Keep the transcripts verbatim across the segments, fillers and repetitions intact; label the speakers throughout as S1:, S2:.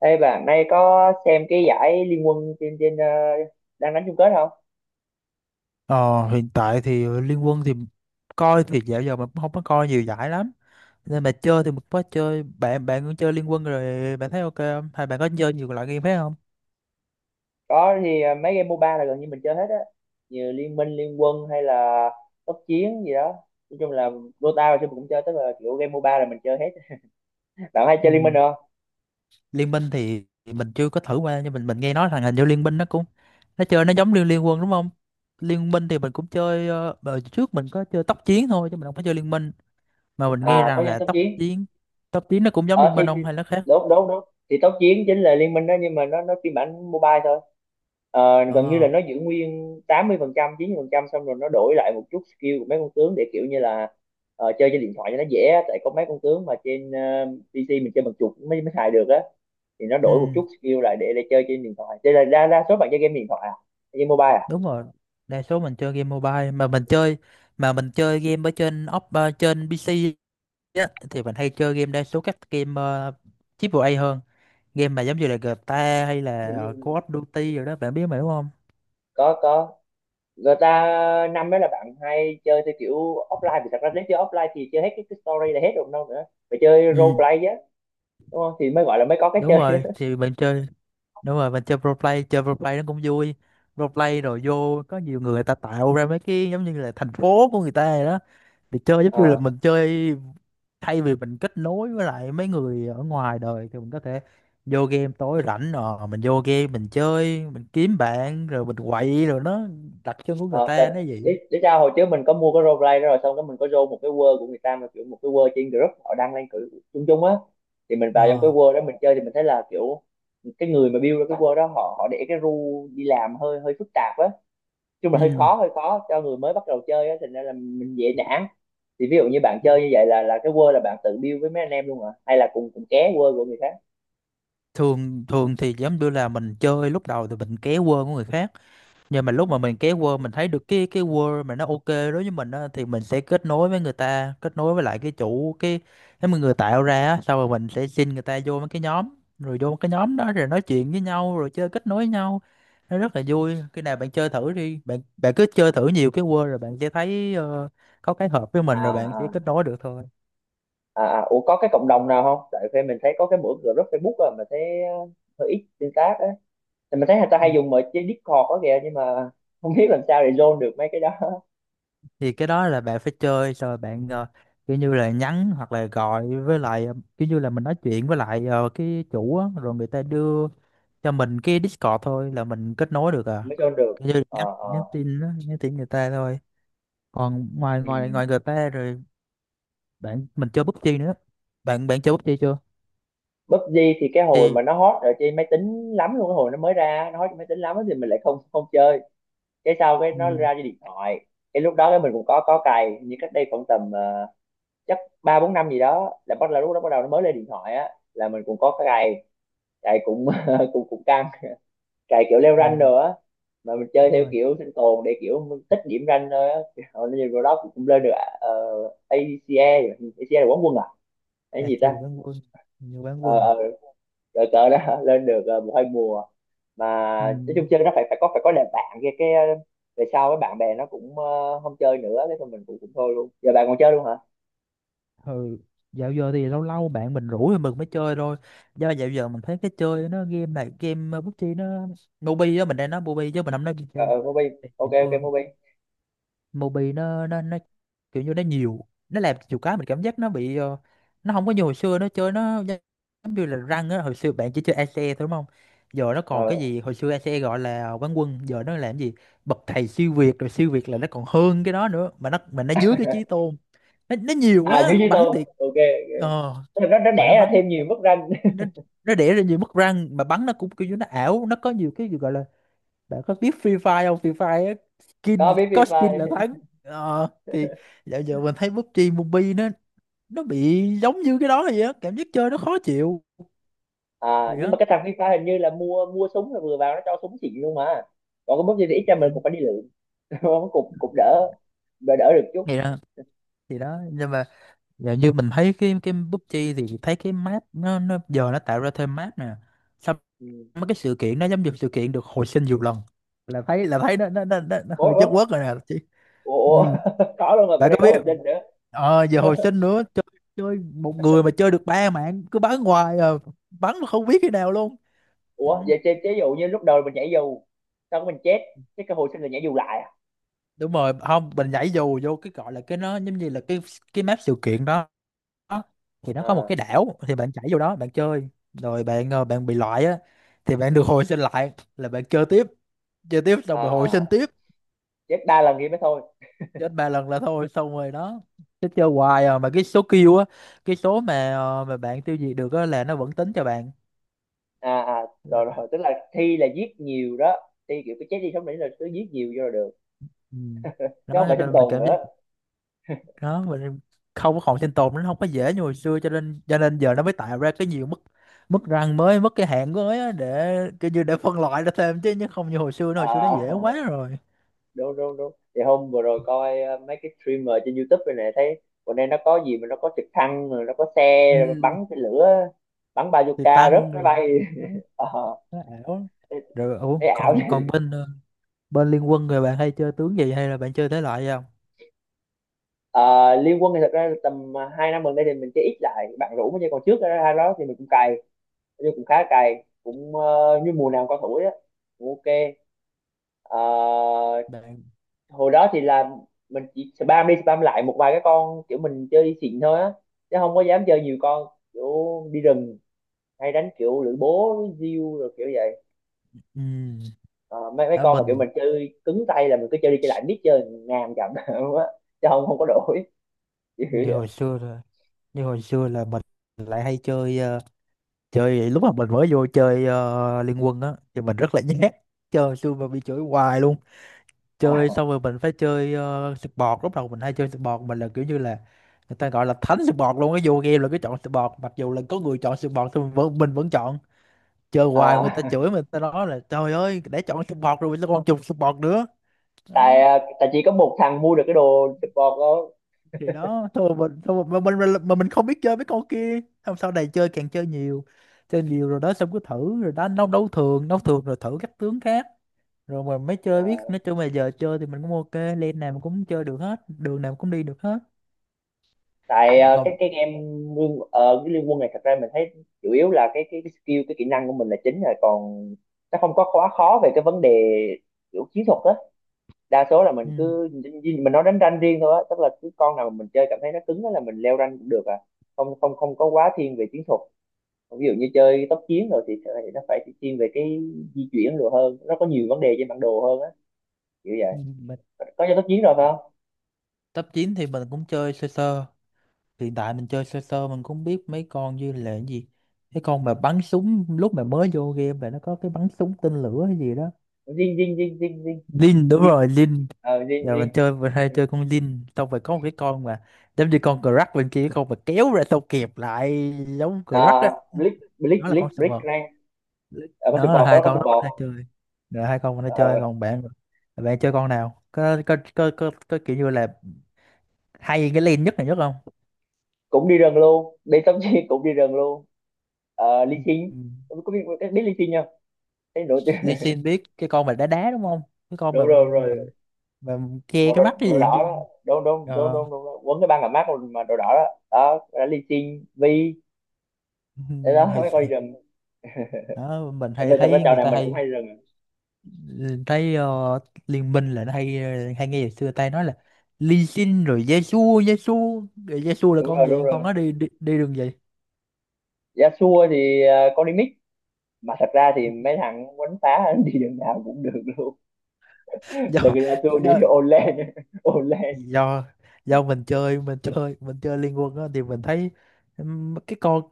S1: Ê bạn nay có xem cái giải Liên quân trên trên ờ, đang đánh chung kết không?
S2: Ờ, Hiện tại thì Liên Quân thì coi thì dạo giờ mình cũng không có coi nhiều giải lắm, nên mà chơi thì mình có chơi. Bạn bạn cũng chơi Liên Quân rồi, bạn thấy ok không hay bạn có chơi nhiều loại game khác không?
S1: Có thì ờ, mấy game MOBA là gần như mình chơi hết á. Như Liên Minh, Liên quân hay là Tốc Chiến gì đó. Nói chung là Dota và xưa mình cũng chơi, tức là kiểu game MOBA là mình chơi hết. Bạn hay
S2: Ừ.
S1: chơi Liên Minh không?
S2: Liên Minh thì thì mình chưa có thử qua, nhưng mình mình nghe nói là hình như Liên Minh nó cũng nó chơi nó giống Liên Liên Quân đúng không? Liên Minh thì mình cũng chơi, ờ, đợt trước mình có chơi tốc chiến thôi chứ mình không có chơi Liên Minh, mà mình nghe
S1: À có
S2: rằng
S1: chơi
S2: là
S1: Tốc
S2: tốc
S1: Chiến.
S2: chiến tốc chiến nó cũng giống Liên
S1: ờ thì,
S2: Minh
S1: thì
S2: không hay nó khác?
S1: đúng đúng đúng, thì tốc chiến chính là liên minh đó, nhưng mà nó nó phiên bản mobile thôi. Ờ, gần như
S2: ờ
S1: là nó giữ nguyên tám mươi phần trăm 90 phần trăm, xong rồi nó đổi lại một chút skill của mấy con tướng để kiểu như là ờ, chơi trên điện thoại cho nó dễ á. Tại có mấy con tướng mà trên ờ, pê xê mình chơi bằng chuột mới mới xài được á, thì nó đổi một
S2: ừ.
S1: chút skill lại để để chơi trên điện thoại, thế là đa, đa số bạn chơi game điện thoại à, game mobile à?
S2: Đúng rồi, đa số mình chơi game mobile, mà mình chơi mà mình chơi game ở trên op, ờ, trên pê xê á, thì mình hay chơi game, đa số các game uh, triple A hơn, game mà giống như là giê tê a hay
S1: Ừ,
S2: là,
S1: ừ,
S2: ờ,
S1: ừ.
S2: Call of Duty rồi đó, bạn biết mà đúng không?
S1: có có, người ta năm đó là bạn hay chơi theo kiểu offline, vì thật ra nếu chơi offline thì chơi hết cái, cái story là hết rồi, đâu nữa, phải chơi
S2: Ừ,
S1: role play á, đúng không, thì mới gọi là mới có cái
S2: đúng
S1: chơi
S2: rồi
S1: á.
S2: thì mình chơi. Đúng rồi, mình chơi pro play, chơi pro play nó cũng vui. Pro play rồi vô có nhiều người, người ta tạo ra mấy cái giống như là thành phố của người ta rồi đó, thì chơi giống
S1: ờ
S2: như là mình chơi, thay vì mình kết nối với lại mấy người ở ngoài đời thì mình có thể vô game tối rảnh rồi mình vô game mình chơi mình kiếm bạn rồi mình quậy rồi nó đặt chân của người
S1: ờ Tại
S2: ta nó vậy.
S1: để, để sao hồi trước mình có mua cái role play đó, rồi xong đó mình có vô một cái world của người ta, mà kiểu một cái world trên group họ đăng lên cử chung chung á, thì mình vào trong cái
S2: Ờ.
S1: world đó mình chơi, thì mình thấy là kiểu cái người mà build ra cái world đó, họ họ để cái rule đi làm hơi hơi phức tạp á, chung là hơi
S2: Ừ.
S1: khó hơi khó cho người mới bắt đầu chơi á, thành ra là mình dễ nản. Thì ví dụ như bạn chơi như vậy là là cái word là bạn tự build với mấy anh em luôn hả, hay là cùng cùng ké word của người khác?
S2: Thường thường thì giống như là mình chơi lúc đầu thì mình ké quơ của người khác, nhưng mà
S1: Ừ.
S2: lúc mà mình kéo Word mình thấy được cái cái Word mà nó ok đối với mình á, thì mình sẽ kết nối với người ta, kết nối với lại cái chủ cái cái mà người tạo ra á, sau rồi mình sẽ xin người ta vô mấy cái nhóm, rồi vô cái nhóm đó rồi nói chuyện với nhau rồi chơi kết nối với nhau. Nó rất là vui, khi nào bạn chơi thử đi, bạn bạn cứ chơi thử nhiều cái Word rồi bạn sẽ thấy, ờ, có cái hợp với
S1: À,
S2: mình rồi bạn sẽ kết
S1: à,
S2: nối được thôi.
S1: à, à. Ủa có cái cộng đồng nào không, tại vì mình thấy có cái mỗi group Facebook rồi, mà thấy ờ, hơi ít tương tác á, thì mình thấy người ta
S2: Ừ.
S1: hay dùng mọi trên Discord đó kìa, nhưng mà không biết làm sao để join được mấy cái đó.
S2: Thì cái đó là bạn phải chơi xong rồi bạn, ờ, kiểu như là nhắn hoặc là gọi với lại, ờ, kiểu như là mình nói chuyện với lại, ờ, cái chủ á, rồi người ta đưa cho mình cái Discord thôi là mình kết nối được à.
S1: Mới join được.
S2: Cái như nhắn
S1: ờ
S2: nhắn
S1: ờ
S2: tin đó, nhắn tin người ta thôi. Còn ngoài
S1: ừ.
S2: ngoài ngoài người ta rồi, bạn mình chơi pi u bi gi nữa, bạn bạn chơi pi u bi gi chưa?
S1: pi u bi gi thì cái hồi
S2: Thì
S1: mà nó hot ở trên máy tính lắm luôn, cái hồi nó mới ra nó hot trên máy tính lắm á, thì mình lại không không chơi, cái sau cái nó
S2: ừ,
S1: ra cái điện thoại, cái lúc đó cái mình cũng có có cày, như cách đây khoảng tầm ờ, chắc ba bốn năm gì đó, là bắt là lúc đó bắt đầu nó mới lên điện thoại á, là mình cũng có cái cày, cày cũng cũng cũng căng, cày kiểu leo rank
S2: ừ,
S1: rồi á, mà mình chơi
S2: đúng
S1: theo
S2: rồi.
S1: kiểu sinh tồn để kiểu mình tích điểm rank thôi á. Hồi nó nhìn vào đó cũng cũng lên được. uh, a xê e. a xê e là quán quân à? Cái
S2: Đạt
S1: gì
S2: thì
S1: ta?
S2: bán quân, nhiều bán
S1: Ờ,
S2: quân.
S1: ờ, rồi tớ đã lên được ờ, một hai mùa, mà
S2: Ừ.
S1: nói chung chơi nó phải phải có phải có đàn bạn kia cái ờ, về sau cái bạn bè nó cũng ờ, không chơi nữa, cái thôi mình cũng cũng thôi luôn, giờ bạn còn chơi luôn hả?
S2: Ừ. Dạo giờ thì lâu lâu bạn mình rủ thì mình mới chơi thôi, do dạo giờ mình thấy cái chơi nó game này game, uh, pi u bi gi nó mobi đó, mình đang nói mobi chứ mình không nói
S1: ờ ờ Mobi, ok
S2: pi u bi gi.
S1: ok, Mobi.
S2: Mobi nó nó nó kiểu như nó nhiều, nó làm nhiều cái mình cảm giác nó bị, ờ, nó không có như hồi xưa nó chơi nó giống như là răng á. Hồi xưa bạn chỉ chơi ACE thôi đúng không, giờ nó còn cái
S1: ờ
S2: gì? Hồi xưa ACE gọi là quán quân, giờ nó làm gì bậc thầy siêu việt rồi, siêu việt là nó còn hơn cái đó nữa mà, nó mà nó dưới cái chí tôn. Nó, nó nhiều
S1: À, dưới
S2: quá.
S1: dưới
S2: Bắn
S1: tôi,
S2: thì
S1: ok.
S2: ờ
S1: Ok. nó nó
S2: mà nó
S1: đẻ ra
S2: bắn,
S1: thêm nhiều mức rank.
S2: nó nó đẻ ra nhiều mất răng mà bắn nó cũng kiểu như nó ảo, nó có nhiều cái gì gọi là, bạn có biết Free Fire không? Free Fire á, skin,
S1: Có biết
S2: có
S1: Free
S2: skin
S1: Fire.
S2: là thắng. Ờ, thì dạo giờ mình thấy pi u bi gi Mobile nó nó bị giống như cái đó vậy á, cảm giác chơi nó khó chịu.
S1: À
S2: Thì
S1: nhưng mà
S2: đó.
S1: cái thằng Free Fire hình như là mua mua súng là vừa vào nó cho súng xịn luôn mà, còn cái mức gì thì ít ra
S2: Ừ.
S1: mình cũng phải đi lượm, cũng cũng cũng đỡ, đỡ đỡ được chút.
S2: Thì đó, thì đó, nhưng mà dạo như mình thấy cái cái pi u bi gi, thì thấy cái map nó nó giờ nó tạo ra thêm map nè. Xong
S1: Ừ.
S2: mấy cái sự kiện nó giống như sự kiện được hồi sinh nhiều lần. Là thấy là thấy nó nó nó, nó, nó
S1: Ủa
S2: hơi
S1: ủa,
S2: chất quất rồi nè chị.
S1: ủa
S2: Ừ.
S1: ủa, có luôn rồi, bên
S2: Bạn
S1: đây
S2: có
S1: có
S2: biết,
S1: hồi sinh nữa?
S2: ờ giờ hồi sinh nữa, chơi chơi một người mà chơi được ba mạng, cứ bắn hoài à, bắn mà không biết khi nào luôn. Ừ.
S1: Ủa vậy chế chế dụ như lúc đầu mình nhảy dù, sau đó mình chết, cái cơ hội sinh là nhảy dù lại à?
S2: Đúng rồi, không mình nhảy dù vô cái gọi là cái, nó giống như là cái cái map sự kiện đó, thì nó có một
S1: Ờ,
S2: cái đảo, thì bạn nhảy vô đó bạn chơi rồi bạn, ờ, bạn bị loại á, thì bạn được hồi sinh lại là bạn chơi tiếp, chơi tiếp xong rồi hồi sinh
S1: à,
S2: tiếp.
S1: chết đa lần thì mới thôi.
S2: Chết ba lần là thôi xong rồi đó, chứ chơi hoài à. Mà cái số kill á, cái số mà, ờ, mà bạn tiêu diệt được á là nó vẫn tính cho bạn.
S1: À, à rồi rồi, tức là thi là giết nhiều đó, thi kiểu cái chết đi sống lại là cứ giết nhiều vô là được,
S2: Ừ. Đó
S1: chứ không
S2: cho
S1: phải sinh
S2: nên mình
S1: tồn
S2: cảm giác
S1: nữa.
S2: đó, mình không có còn sinh tồn, nó không có dễ như hồi xưa, cho nên cho nên giờ nó mới tạo ra cái nhiều mức, mức răng mới, mức cái hạng mới á, để kiểu như để phân loại ra thêm chứ nhưng không như hồi xưa nữa, hồi xưa nó
S1: À,
S2: dễ quá rồi.
S1: đúng đúng đúng, thì hôm vừa rồi coi ờ, mấy cái streamer trên YouTube này nè, thấy bữa nay nó có gì mà nó có trực thăng, rồi nó có xe
S2: Ừ.
S1: rồi bắn cái lửa, bắn
S2: Thì
S1: bazooka
S2: tăng
S1: rớt máy
S2: rồi,
S1: bay.
S2: nó,
S1: Ờ,
S2: nó ảo
S1: thấy
S2: rồi. Ủa,
S1: thấy ảo.
S2: còn còn bên, ờ, bên liên quân rồi bạn hay chơi tướng gì hay là bạn chơi thể loại gì không
S1: Ờ, Liên Quân thì thật ra tầm à, hai năm gần đây thì mình chơi ít lại, bạn rủ mới chơi, còn trước ra đó thì mình cũng cày, nhưng cũng khá cày, cũng ờ, như mùa nào con thủ á cũng ok. Ờ,
S2: bạn?
S1: hồi đó thì là mình chỉ spam đi spam lại một vài cái con, kiểu mình chơi xịn thôi á, chứ không có dám chơi nhiều con, kiểu đi rừng hay đánh kiểu lưỡi bố diêu rồi kiểu vậy.
S2: Ừ,
S1: Ờ, mấy mấy
S2: Ở
S1: con mà kiểu
S2: mình
S1: mình chơi cứng tay là mình cứ chơi đi chơi lại biết chơi ngàn chậm á, chứ không không có đổi kiểu
S2: như
S1: vậy.
S2: hồi xưa rồi, như hồi xưa là mình lại hay chơi, ờ, chơi lúc mà mình mới vô chơi, ờ, Liên Quân á, thì mình rất là nhát, chơi xui mà bị chửi hoài luôn. Chơi
S1: À,
S2: xong rồi mình phải chơi uh, support. Lúc đầu mình hay chơi support, mình là kiểu như là người ta gọi là thánh support luôn, cái vô game là cứ chọn support, mặc dù là có người chọn support thì mình vẫn, mình vẫn chọn, chơi hoài mà người ta
S1: à.
S2: chửi mình, ta nói là trời ơi để chọn support rồi sao còn chọn support nữa.
S1: tại
S2: Đó.
S1: à, tại chỉ có một thằng mua được cái đồ support đó.
S2: Thì đó thôi, mình thôi mà mình, mình mà mình không biết chơi mấy con kia. Xong sau này chơi càng chơi nhiều, chơi nhiều rồi đó, xong cứ thử rồi đánh đấu đấu thường, đấu thường rồi thử các tướng khác rồi mà mới
S1: Ờ,
S2: chơi biết. Nói chung là giờ chơi thì mình cũng ok, lên nào mình cũng chơi được hết, đường nào mình cũng đi được hết.
S1: tại à, cái
S2: Còn
S1: cái game liên ờ, cái liên quân này, thật ra mình thấy chủ yếu là cái cái, cái skill, cái kỹ năng của mình là chính rồi, còn nó không có quá khó về cái vấn đề kiểu chiến thuật á, đa số là
S2: ừ,
S1: mình cứ mình nói đánh rank riêng thôi á, tức là cứ con nào mà mình chơi cảm thấy nó cứng á là mình leo rank cũng được à, không không không có quá thiên về chiến thuật. Còn ví dụ như chơi tốc chiến rồi thì phải- nó phải thiên về cái di chuyển rồi, hơn nó có nhiều vấn đề trên bản đồ hơn á, kiểu vậy.
S2: ừ, mình
S1: Có chơi tốc chiến rồi phải không?
S2: top chín thì mình cũng chơi sơ sơ. Hiện tại mình chơi sơ sơ, mình cũng biết mấy con, như là cái gì, cái con mà bắn súng lúc mà mới vô game là nó có cái bắn súng tên lửa hay gì đó.
S1: Dinh dinh dinh dinh dinh
S2: Lin, đúng
S1: dinh,
S2: rồi, Lin.
S1: ờ dinh
S2: Giờ mình
S1: dinh.
S2: chơi mình hay chơi con Lin, xong rồi có một cái con mà giống như con Crack bên kia, con mà kéo ra xong kẹp lại, giống Crack á,
S1: À, blick
S2: nó
S1: blick
S2: là con
S1: blick
S2: sờ.
S1: blick rank. À, con sụp
S2: Nó là
S1: bò có đó,
S2: hai
S1: con
S2: con
S1: sụp
S2: nó hay
S1: bò.
S2: chơi, rồi hai con nó chơi.
S1: Ờ,
S2: Còn bạn, bạn chơi con nào có có có có, có kiểu như là hay cái lane nhất này, nhất không?
S1: cũng đi rừng luôn, đi tắm chi cũng đi rừng luôn. Ờ, ly xin.
S2: Ừ.
S1: Có biết biết ly xin không? Thấy đồ chứ.
S2: Lee Sin, biết cái con mà đá đá đúng không, cái con
S1: Đồ
S2: mà
S1: rồi,
S2: mà,
S1: rồi
S2: mà che
S1: màu đồ,
S2: cái mắt cái
S1: đồ
S2: gì
S1: đỏ
S2: chứ.
S1: đó, đồ đồ đồ
S2: Ờ
S1: đồ, đồ, quấn cái băng làm mát mà, đồ đỏ đó, đó là ly xin vi.
S2: Ừ.
S1: Để đó
S2: Hay-
S1: mấy con đi rừng
S2: đó mình hay
S1: về, thật ra
S2: thấy
S1: trò
S2: người
S1: này
S2: ta
S1: mình cũng
S2: hay
S1: hay đi rừng à.
S2: thấy, ờ, liên minh là nó hay, ờ, hay nghe ngày xưa ta nói là Lee Sin rồi Yasuo Yasuo, rồi Yasuo là
S1: Đúng rồi,
S2: con
S1: đúng
S2: gì, con
S1: rồi,
S2: nó đi đi, đi đường gì?
S1: giá xua thì ờ, con đi mix, mà thật ra thì mấy thằng quánh phá đi đường nào cũng được luôn. Giờ người
S2: Do,
S1: Zagreanu đi
S2: do
S1: Olen, Olen.
S2: do do mình chơi mình chơi mình chơi Liên Quân á thì mình thấy, ừm, cái con,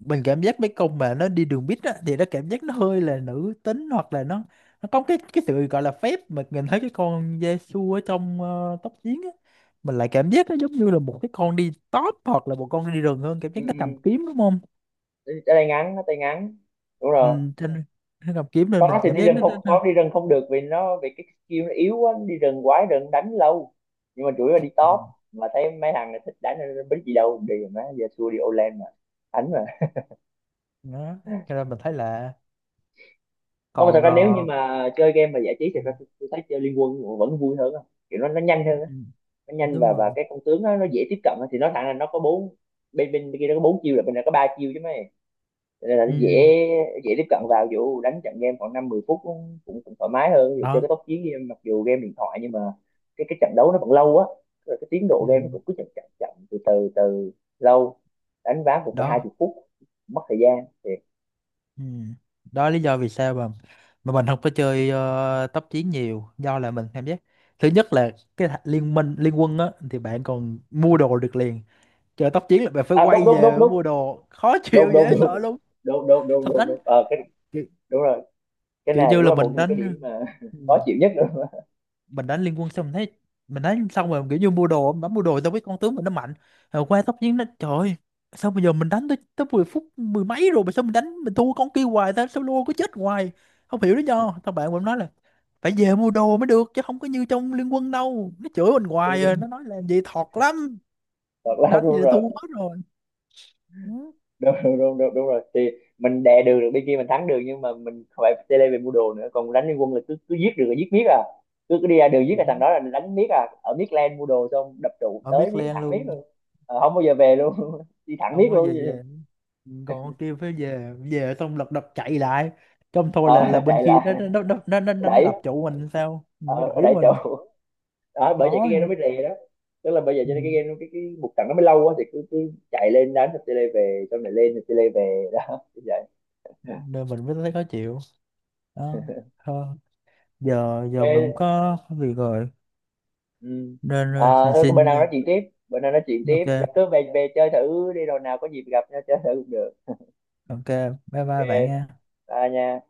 S2: mình cảm giác mấy con mà nó đi đường bít á thì nó cảm giác nó hơi là nữ tính hoặc là nó nó có cái cái sự gọi là phép, mà nhìn thấy cái con Yasuo ở trong, ờ, tóc chiến á, mình lại cảm giác nó giống như là một cái con đi top hoặc là một con đi rừng hơn, cảm
S1: Ừ,
S2: giác nó cầm
S1: ừ.
S2: kiếm đúng không.
S1: Tay ngắn, tay ngắn, đúng rồi.
S2: Ừ, trên nó cầm kiếm nên
S1: Con
S2: mình
S1: nó thì
S2: cảm
S1: đi
S2: giác
S1: rừng
S2: nó, nó,
S1: không,
S2: nó.
S1: con đi rừng không được, vì nó vì cái skill nó yếu quá, nó đi rừng quái rừng đánh lâu, nhưng mà chủ yếu là đi
S2: Ừ,
S1: top, mà thấy mấy thằng này thích đánh nên bính gì đâu đi mà, giờ xua đi Olen mà đánh mà.
S2: đó cho nên mình thấy là
S1: Không, mà thật
S2: còn,
S1: ra nếu như
S2: ờ,
S1: mà chơi game mà giải trí thì
S2: ừ,
S1: ra tôi, tôi thấy chơi Liên Quân vẫn vui hơn á, kiểu nó nó nhanh
S2: ừ,
S1: hơn á, nó nhanh,
S2: đúng
S1: và và
S2: rồi.
S1: cái con tướng nó, nó dễ tiếp cận á, thì nó thằng là nó có bốn, bên bên kia nó có bốn chiêu, là bên này có ba chiêu chứ mấy, nên là nó dễ
S2: Ừ,
S1: dễ tiếp cận, vào dù đánh trận game khoảng năm mười phút cũng cũng, thoải mái hơn, dù chơi cái
S2: đó.
S1: tốc chiến game, mặc dù game điện thoại, nhưng mà cái cái trận đấu nó vẫn lâu á, cái tiến độ
S2: Ừ.
S1: game nó cũng cứ chậm chậm chậm từ từ từ, lâu, đánh ván một phải hai
S2: Đó.
S1: chục phút mất thời gian thiệt.
S2: Ừ. Đó là lý do vì sao mà mà mình không có chơi, ờ, tốc chiến nhiều, do là mình cảm giác thứ nhất là cái thà- liên minh liên quân á thì bạn còn mua đồ được liền, chơi tốc chiến là bạn phải
S1: À đúng
S2: quay
S1: đúng đúng
S2: về
S1: đúng,
S2: mua đồ khó
S1: đúng
S2: chịu
S1: đúng
S2: dễ
S1: đúng
S2: sợ luôn.
S1: đúng, đúng đúng
S2: Thật
S1: đúng
S2: đánh
S1: đúng ờ cái,
S2: kiểu,
S1: đúng rồi, cái
S2: kiểu
S1: này
S2: như
S1: đúng
S2: là
S1: là một
S2: mình
S1: một cái
S2: đánh.
S1: điểm mà
S2: Ừ.
S1: khó chịu nhất. Đúng,
S2: Mình đánh liên quân xong mình thấy, mình đánh xong rồi kiểu như mua đồ bấm mua đồ, tao biết con tướng mình nó mạnh, rồi qua tóc chiến nó trời ơi, sao bây giờ mình đánh tới tới mười phút mười mấy rồi mà sao mình đánh mình thua con kia hoài ta, sao luôn có chết hoài không hiểu lý do. Tao bạn mình nói là phải về mua đồ mới được, chứ không có như trong liên quân đâu, nó chửi mình
S1: đúng,
S2: hoài, rồi
S1: đúng.
S2: nó nói làm gì thọt lắm,
S1: Thật là
S2: đánh gì
S1: đúng
S2: là thua
S1: rồi.
S2: hết rồi. Ừ.
S1: Đúng đúng đúng đúng, đúng rồi, thì mình đè đường được bên kia mình thắng được, nhưng mà mình phải chơi lên về mua đồ nữa, còn đánh liên quân là cứ cứ giết được là giết miết à, cứ cứ đi ra đường giết
S2: Vậy
S1: là
S2: đó.
S1: thằng đó là đánh miết à, ở miết len mua đồ, xong đập trụ
S2: Mà
S1: tới
S2: biết
S1: miết,
S2: len
S1: thẳng miết luôn.
S2: luôn,
S1: Ờ, không bao giờ về luôn. Đi thẳng miết
S2: không có
S1: luôn.
S2: về. Về còn kia phải về về xong lật đật chạy lại, trong thôi là là
S1: ờ,
S2: bên
S1: Chạy
S2: kia nó
S1: lại,
S2: nó nó nó nó, nó, nó
S1: đẩy
S2: đập trụ mình, sao nó
S1: ờ,
S2: đẩy
S1: đẩy trụ.
S2: mình
S1: Đó bởi vậy
S2: khó
S1: cái game nó
S2: nữa.
S1: mới rè đó, tức là bây giờ
S2: Ừ,
S1: cho nên cái game nó- cái cái một trận nó mới lâu quá, thì cứ cứ chạy lên đánh rồi chơi lên về, xong này lên rồi chơi lên về đó như vậy.
S2: nên mình mới thấy khó chịu đó. Thôi giờ giờ mình
S1: Ok.
S2: có việc rồi,
S1: Ừ.
S2: nên
S1: À,
S2: ờ, xin
S1: thôi có bữa
S2: xin
S1: nào
S2: ờ,
S1: nói chuyện tiếp, bữa nào nói chuyện tiếp.
S2: ok.
S1: Cứ về về chơi thử đi, rồi nào có dịp gặp nhau chơi thử cũng được.
S2: Ok, bye
S1: Ok.
S2: bye bạn nha.
S1: Bye nha.